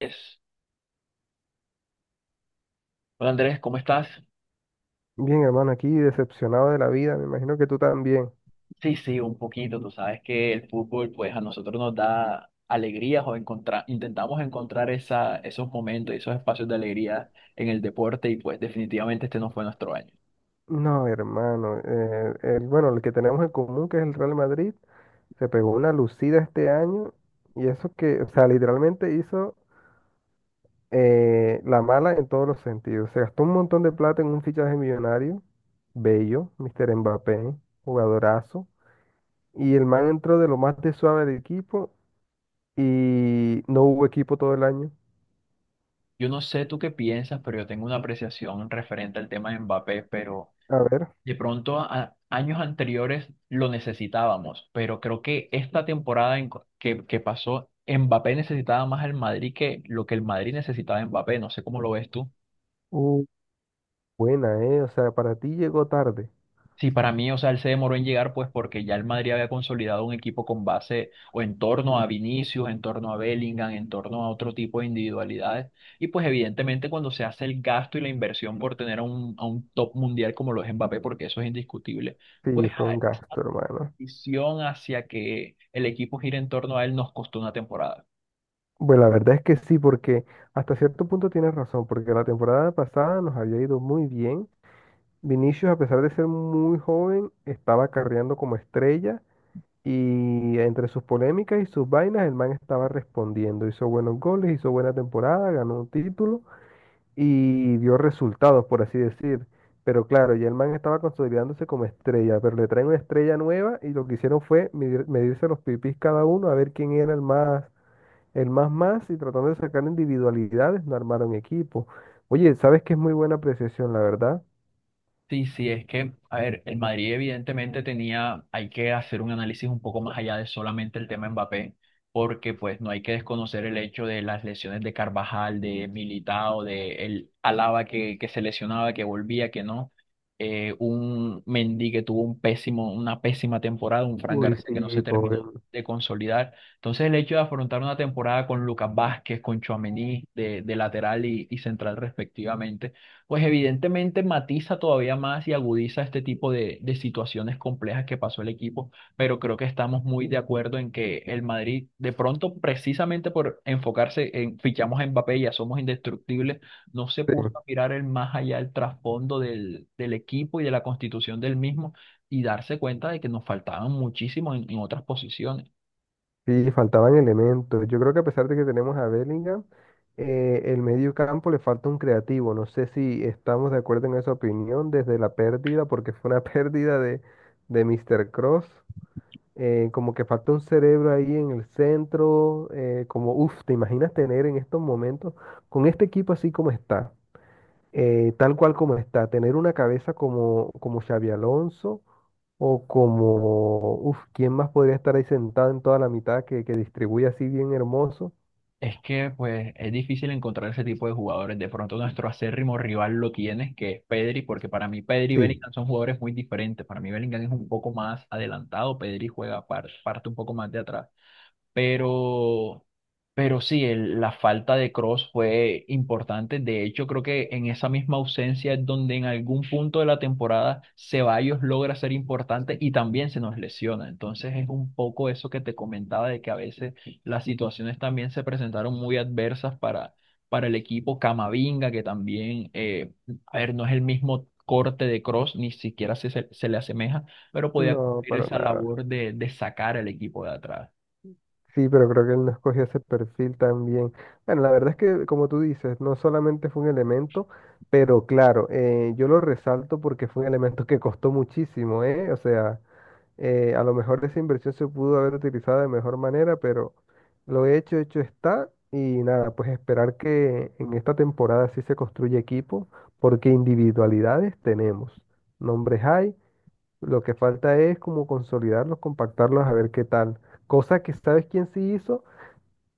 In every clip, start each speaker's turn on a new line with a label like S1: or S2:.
S1: Es- Hola Andrés, ¿cómo estás?
S2: Bien, hermano, aquí decepcionado de la vida, me imagino que tú también.
S1: Sí, sí, un poquito. Tú sabes que el fútbol, pues a nosotros nos da alegrías o encontrar, intentamos encontrar esos momentos, esos espacios de alegría en el deporte y pues definitivamente este no fue nuestro año.
S2: No, hermano, el, bueno, el que tenemos en común, que es el Real Madrid, se pegó una lucida este año. Y eso que, o sea, literalmente hizo la mala en todos los sentidos. Se gastó un montón de plata en un fichaje millonario, bello, Mr. Mbappé, jugadorazo, y el man entró de lo más de suave del equipo y no hubo equipo todo el año.
S1: Yo no sé tú qué piensas, pero yo tengo una apreciación referente al tema de Mbappé, pero
S2: A ver,
S1: de pronto a años anteriores lo necesitábamos, pero creo que esta temporada que pasó, Mbappé necesitaba más al Madrid que lo que el Madrid necesitaba a Mbappé. No sé cómo lo ves tú.
S2: uh, buena, ¿eh? O sea, para ti llegó tarde.
S1: Sí, para mí, o sea, él se demoró en llegar, pues porque ya el Madrid había consolidado un equipo con base o en torno a Vinicius, en torno a Bellingham, en torno a otro tipo de individualidades. Y pues evidentemente cuando se hace el gasto y la inversión por tener a a un top mundial como lo es Mbappé, porque eso es indiscutible, pues
S2: Sí, fue un
S1: la
S2: gasto, hermano.
S1: decisión hacia que el equipo gire en torno a él nos costó una temporada.
S2: Bueno, la verdad es que sí, porque hasta cierto punto tienes razón, porque la temporada pasada nos había ido muy bien. Vinicius, a pesar de ser muy joven, estaba carreando como estrella, y entre sus polémicas y sus vainas, el man estaba respondiendo. Hizo buenos goles, hizo buena temporada, ganó un título y dio resultados, por así decir. Pero claro, ya el man estaba consolidándose como estrella, pero le traen una estrella nueva y lo que hicieron fue medirse los pipis cada uno a ver quién era el más. El más más, y tratando de sacar individualidades, no armaron equipo. Oye, ¿sabes que es muy buena apreciación, la verdad?
S1: Sí, sí, es que, a ver, el Madrid evidentemente tenía, hay que hacer un análisis un poco más allá de solamente el tema Mbappé, porque pues no hay que desconocer el hecho de las lesiones de Carvajal, de Militao, de el Alaba que se lesionaba, que volvía, que no, un Mendy que tuvo una pésima temporada, un Fran
S2: Uy,
S1: García que
S2: sí,
S1: no se
S2: sí,
S1: terminó
S2: pobre.
S1: de consolidar. Entonces el hecho de afrontar una temporada con Lucas Vázquez, con Tchouaméni de lateral y central respectivamente pues evidentemente matiza todavía más y agudiza este tipo de situaciones complejas que pasó el equipo, pero creo que estamos muy de acuerdo en que el Madrid, de pronto, precisamente por enfocarse en fichamos a Mbappé, ya somos indestructibles, no se
S2: Sí,
S1: puso a mirar el más allá el trasfondo del equipo y de la constitución del mismo y darse cuenta de que nos faltaban muchísimo en otras posiciones.
S2: sí, faltaban elementos. Yo creo que a pesar de que tenemos a Bellingham, el medio campo le falta un creativo. No sé si estamos de acuerdo en esa opinión desde la pérdida, porque fue una pérdida de Mr. Cross. Como que falta un cerebro ahí en el centro. Como, uff, ¿te imaginas tener en estos momentos con este equipo así como está? Tal cual como está, tener una cabeza como, como Xabi Alonso o como, uf, ¿quién más podría estar ahí sentado en toda la mitad que distribuye así bien hermoso?
S1: Es que pues es difícil encontrar ese tipo de jugadores. De pronto nuestro acérrimo rival lo tiene, que es Pedri, porque para mí Pedri y
S2: Sí,
S1: Bellingham son jugadores muy diferentes. Para mí Bellingham es un poco más adelantado, Pedri parte un poco más de atrás. Pero, pero sí, la falta de Cross fue importante. De hecho, creo que en esa misma ausencia es donde en algún punto de la temporada Ceballos logra ser importante y también se nos lesiona. Entonces es un poco eso que te comentaba de que a veces las situaciones también se presentaron muy adversas para el equipo Camavinga, que también, a ver, no es el mismo corte de Cross, ni siquiera se le asemeja, pero podía
S2: no,
S1: cumplir
S2: para
S1: esa
S2: nada.
S1: labor de sacar al equipo de atrás.
S2: Sí, pero creo que él no escogió ese perfil también. Bueno, la verdad es que, como tú dices, no solamente fue un elemento, pero claro, yo lo resalto porque fue un elemento que costó muchísimo, ¿eh? O sea... a lo mejor esa inversión se pudo haber utilizado de mejor manera, pero lo hecho, hecho está. Y nada, pues esperar que en esta temporada sí se construya equipo, porque individualidades tenemos. Nombres hay, lo que falta es como consolidarlos, compactarlos, a ver qué tal. Cosa que, ¿sabes quién sí hizo?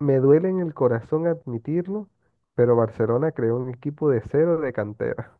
S2: Me duele en el corazón admitirlo, pero Barcelona creó un equipo de cero, de cantera.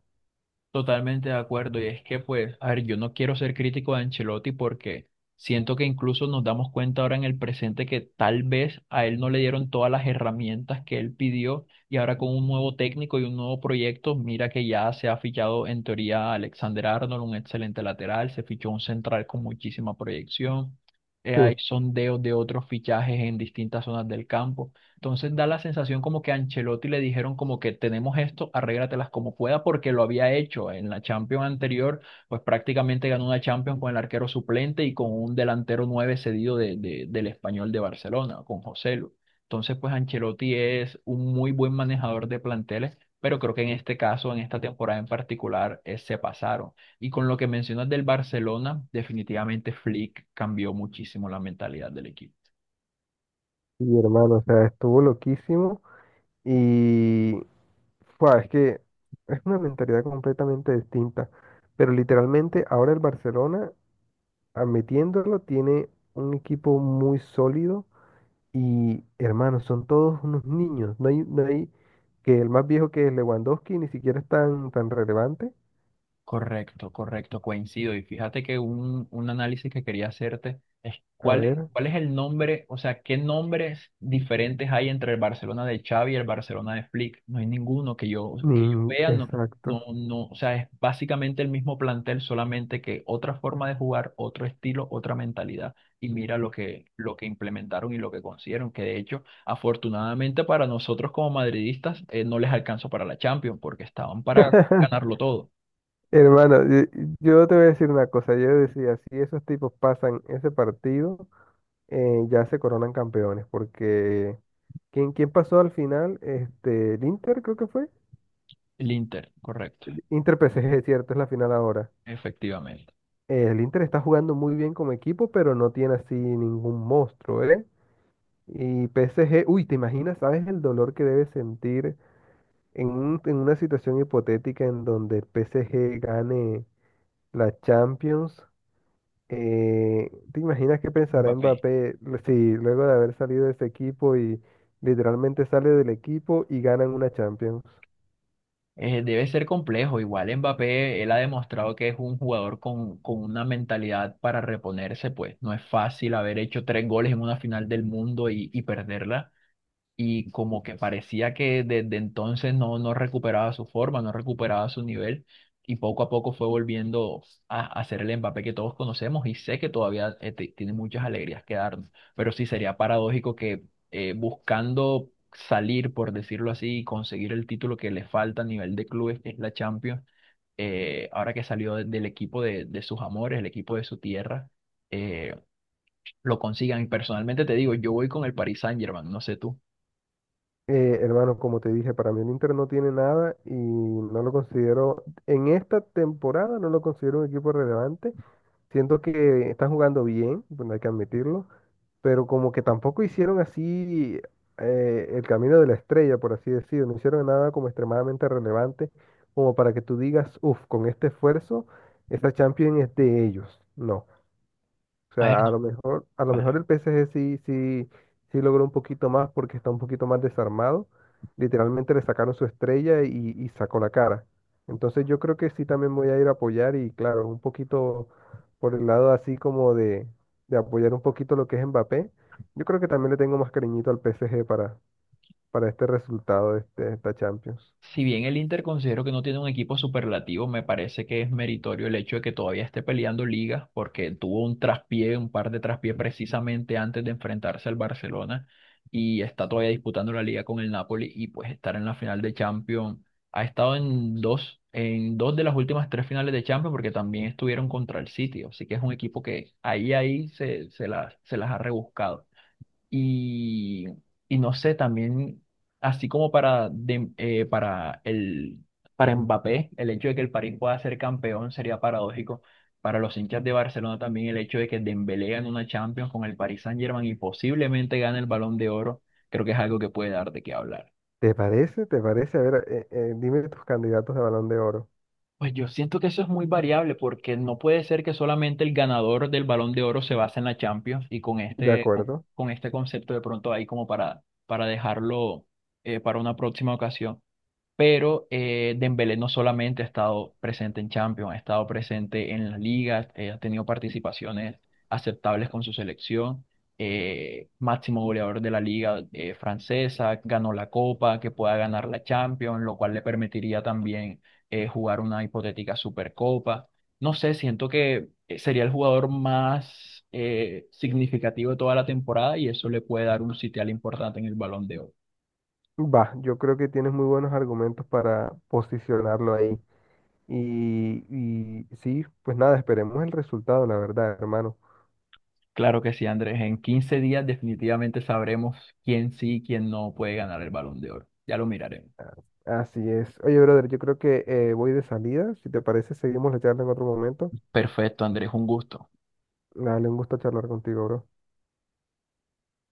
S1: Totalmente de acuerdo, y es que pues, a ver, yo no quiero ser crítico de Ancelotti porque siento que incluso nos damos cuenta ahora en el presente que tal vez a él no le dieron todas las herramientas que él pidió y ahora con un nuevo técnico y un nuevo proyecto, mira que ya se ha fichado en teoría a Alexander Arnold, un excelente lateral, se fichó un central con muchísima proyección, hay sondeos de otros fichajes en distintas zonas del campo. Entonces da la sensación como que a Ancelotti le dijeron como que tenemos esto, arréglatelas como pueda, porque lo había hecho en la Champions anterior, pues prácticamente ganó una Champions con el arquero suplente y con un delantero nueve cedido del Español de Barcelona, con Joselu. Entonces, pues Ancelotti es un muy buen manejador de planteles, pero creo que en este caso, en esta temporada en particular, se pasaron. Y con lo que mencionas del Barcelona, definitivamente Flick cambió muchísimo la mentalidad del equipo.
S2: Sí, y hermano, o sea, estuvo loquísimo y... Fua, es que es una mentalidad completamente distinta. Pero literalmente ahora el Barcelona, admitiéndolo, tiene un equipo muy sólido, y hermanos, son todos unos niños. No hay, no hay... Que el más viejo, que es Lewandowski, ni siquiera es tan, tan relevante.
S1: Correcto, correcto, coincido. Y fíjate que un análisis que quería hacerte es
S2: A ver,
S1: cuál es el nombre, o sea, qué nombres diferentes hay entre el Barcelona de Xavi y el Barcelona de Flick. No hay ninguno que yo
S2: ni-
S1: vea, no, no,
S2: exacto.
S1: no, o sea, es básicamente el mismo plantel, solamente que otra forma de jugar, otro estilo, otra mentalidad. Y mira lo que implementaron y lo que consiguieron, que de hecho, afortunadamente para nosotros como madridistas, no les alcanzó para la Champions, porque estaban para ganarlo todo.
S2: Hermano, yo te voy a decir una cosa. Yo decía, si esos tipos pasan ese partido, ya se coronan campeones, porque ¿quién, quién pasó al final? Este, el Inter creo que fue.
S1: El Inter, correcto,
S2: Inter PSG, cierto, es la final ahora.
S1: efectivamente.
S2: El Inter está jugando muy bien como equipo, pero no tiene así ningún monstruo, ¿eh? Y PSG, uy, ¿te imaginas, sabes el dolor que debe sentir en, en una situación hipotética en donde el PSG gane la Champions? ¿Te imaginas qué pensará
S1: Mbappé.
S2: Mbappé si luego de haber salido de ese equipo y literalmente sale del equipo y ganan una Champions?
S1: Debe ser complejo. Igual Mbappé, él ha demostrado que es un jugador con una mentalidad para reponerse, pues no es fácil haber hecho tres goles en una final del mundo y perderla. Y como que parecía que desde entonces no recuperaba su forma, no recuperaba su nivel y poco a poco fue volviendo a ser el Mbappé que todos conocemos y sé que todavía tiene muchas alegrías que darnos, pero sí sería paradójico que buscando salir, por decirlo así, y conseguir el título que le falta a nivel de clubes, que es la Champions, ahora que salió del equipo de sus amores, el equipo de su tierra, eh, lo consigan. Y personalmente te digo, yo voy con el Paris Saint-Germain, no sé tú.
S2: Hermano, como te dije, para mí el Inter no tiene nada y no lo considero, en esta temporada no lo considero un equipo relevante. Siento que están jugando bien, bueno, hay que admitirlo, pero como que tampoco hicieron así el camino de la estrella, por así decirlo, no hicieron nada como extremadamente relevante, como para que tú digas, uff, con este esfuerzo, esta Champions es de ellos. No. O sea, a lo mejor
S1: Vale.
S2: el PSG sí, sí, sí logró un poquito más porque está un poquito más desarmado. Literalmente le sacaron su estrella y sacó la cara. Entonces yo creo que sí también voy a ir a apoyar y claro, un poquito por el lado así como de apoyar un poquito lo que es Mbappé. Yo creo que también le tengo más cariñito al PSG para este resultado de, esta Champions.
S1: Si bien el Inter considero que no tiene un equipo superlativo, me parece que es meritorio el hecho de que todavía esté peleando ligas, porque tuvo un traspié, un par de traspiés precisamente antes de enfrentarse al Barcelona y está todavía disputando la liga con el Napoli y pues estar en la final de Champions. Ha estado en dos de las últimas tres finales de Champions porque también estuvieron contra el City, así que es un equipo que ahí, ahí se las ha rebuscado. Y, y no sé, también, así como para, para, para Mbappé, el hecho de que el París pueda ser campeón sería paradójico. Para los hinchas de Barcelona también el hecho de que Dembélé gane una Champions con el Paris Saint-Germain y posiblemente gane el Balón de Oro, creo que es algo que puede dar de qué hablar.
S2: ¿Te parece? ¿Te parece? A ver, dime tus candidatos de Balón de Oro.
S1: Pues yo siento que eso es muy variable porque no puede ser que solamente el ganador del Balón de Oro se base en la Champions y
S2: De acuerdo.
S1: con este concepto de pronto ahí como para dejarlo para una próxima ocasión. Pero Dembélé no solamente ha estado presente en Champions, ha estado presente en las ligas, ha tenido participaciones aceptables con su selección, máximo goleador de la liga francesa, ganó la Copa, que pueda ganar la Champions, lo cual le permitiría también jugar una hipotética Supercopa. No sé, siento que sería el jugador más significativo de toda la temporada y eso le puede dar un sitial importante en el Balón de Oro.
S2: Va, yo creo que tienes muy buenos argumentos para posicionarlo ahí. Y sí, pues nada, esperemos el resultado, la verdad, hermano.
S1: Claro que sí, Andrés. En 15 días definitivamente sabremos quién sí y quién no puede ganar el Balón de Oro. Ya lo miraremos.
S2: Así es. Oye, brother, yo creo que voy de salida. Si te parece, seguimos la charla en otro momento.
S1: Perfecto, Andrés, un gusto.
S2: Dale, un gusto charlar contigo, bro.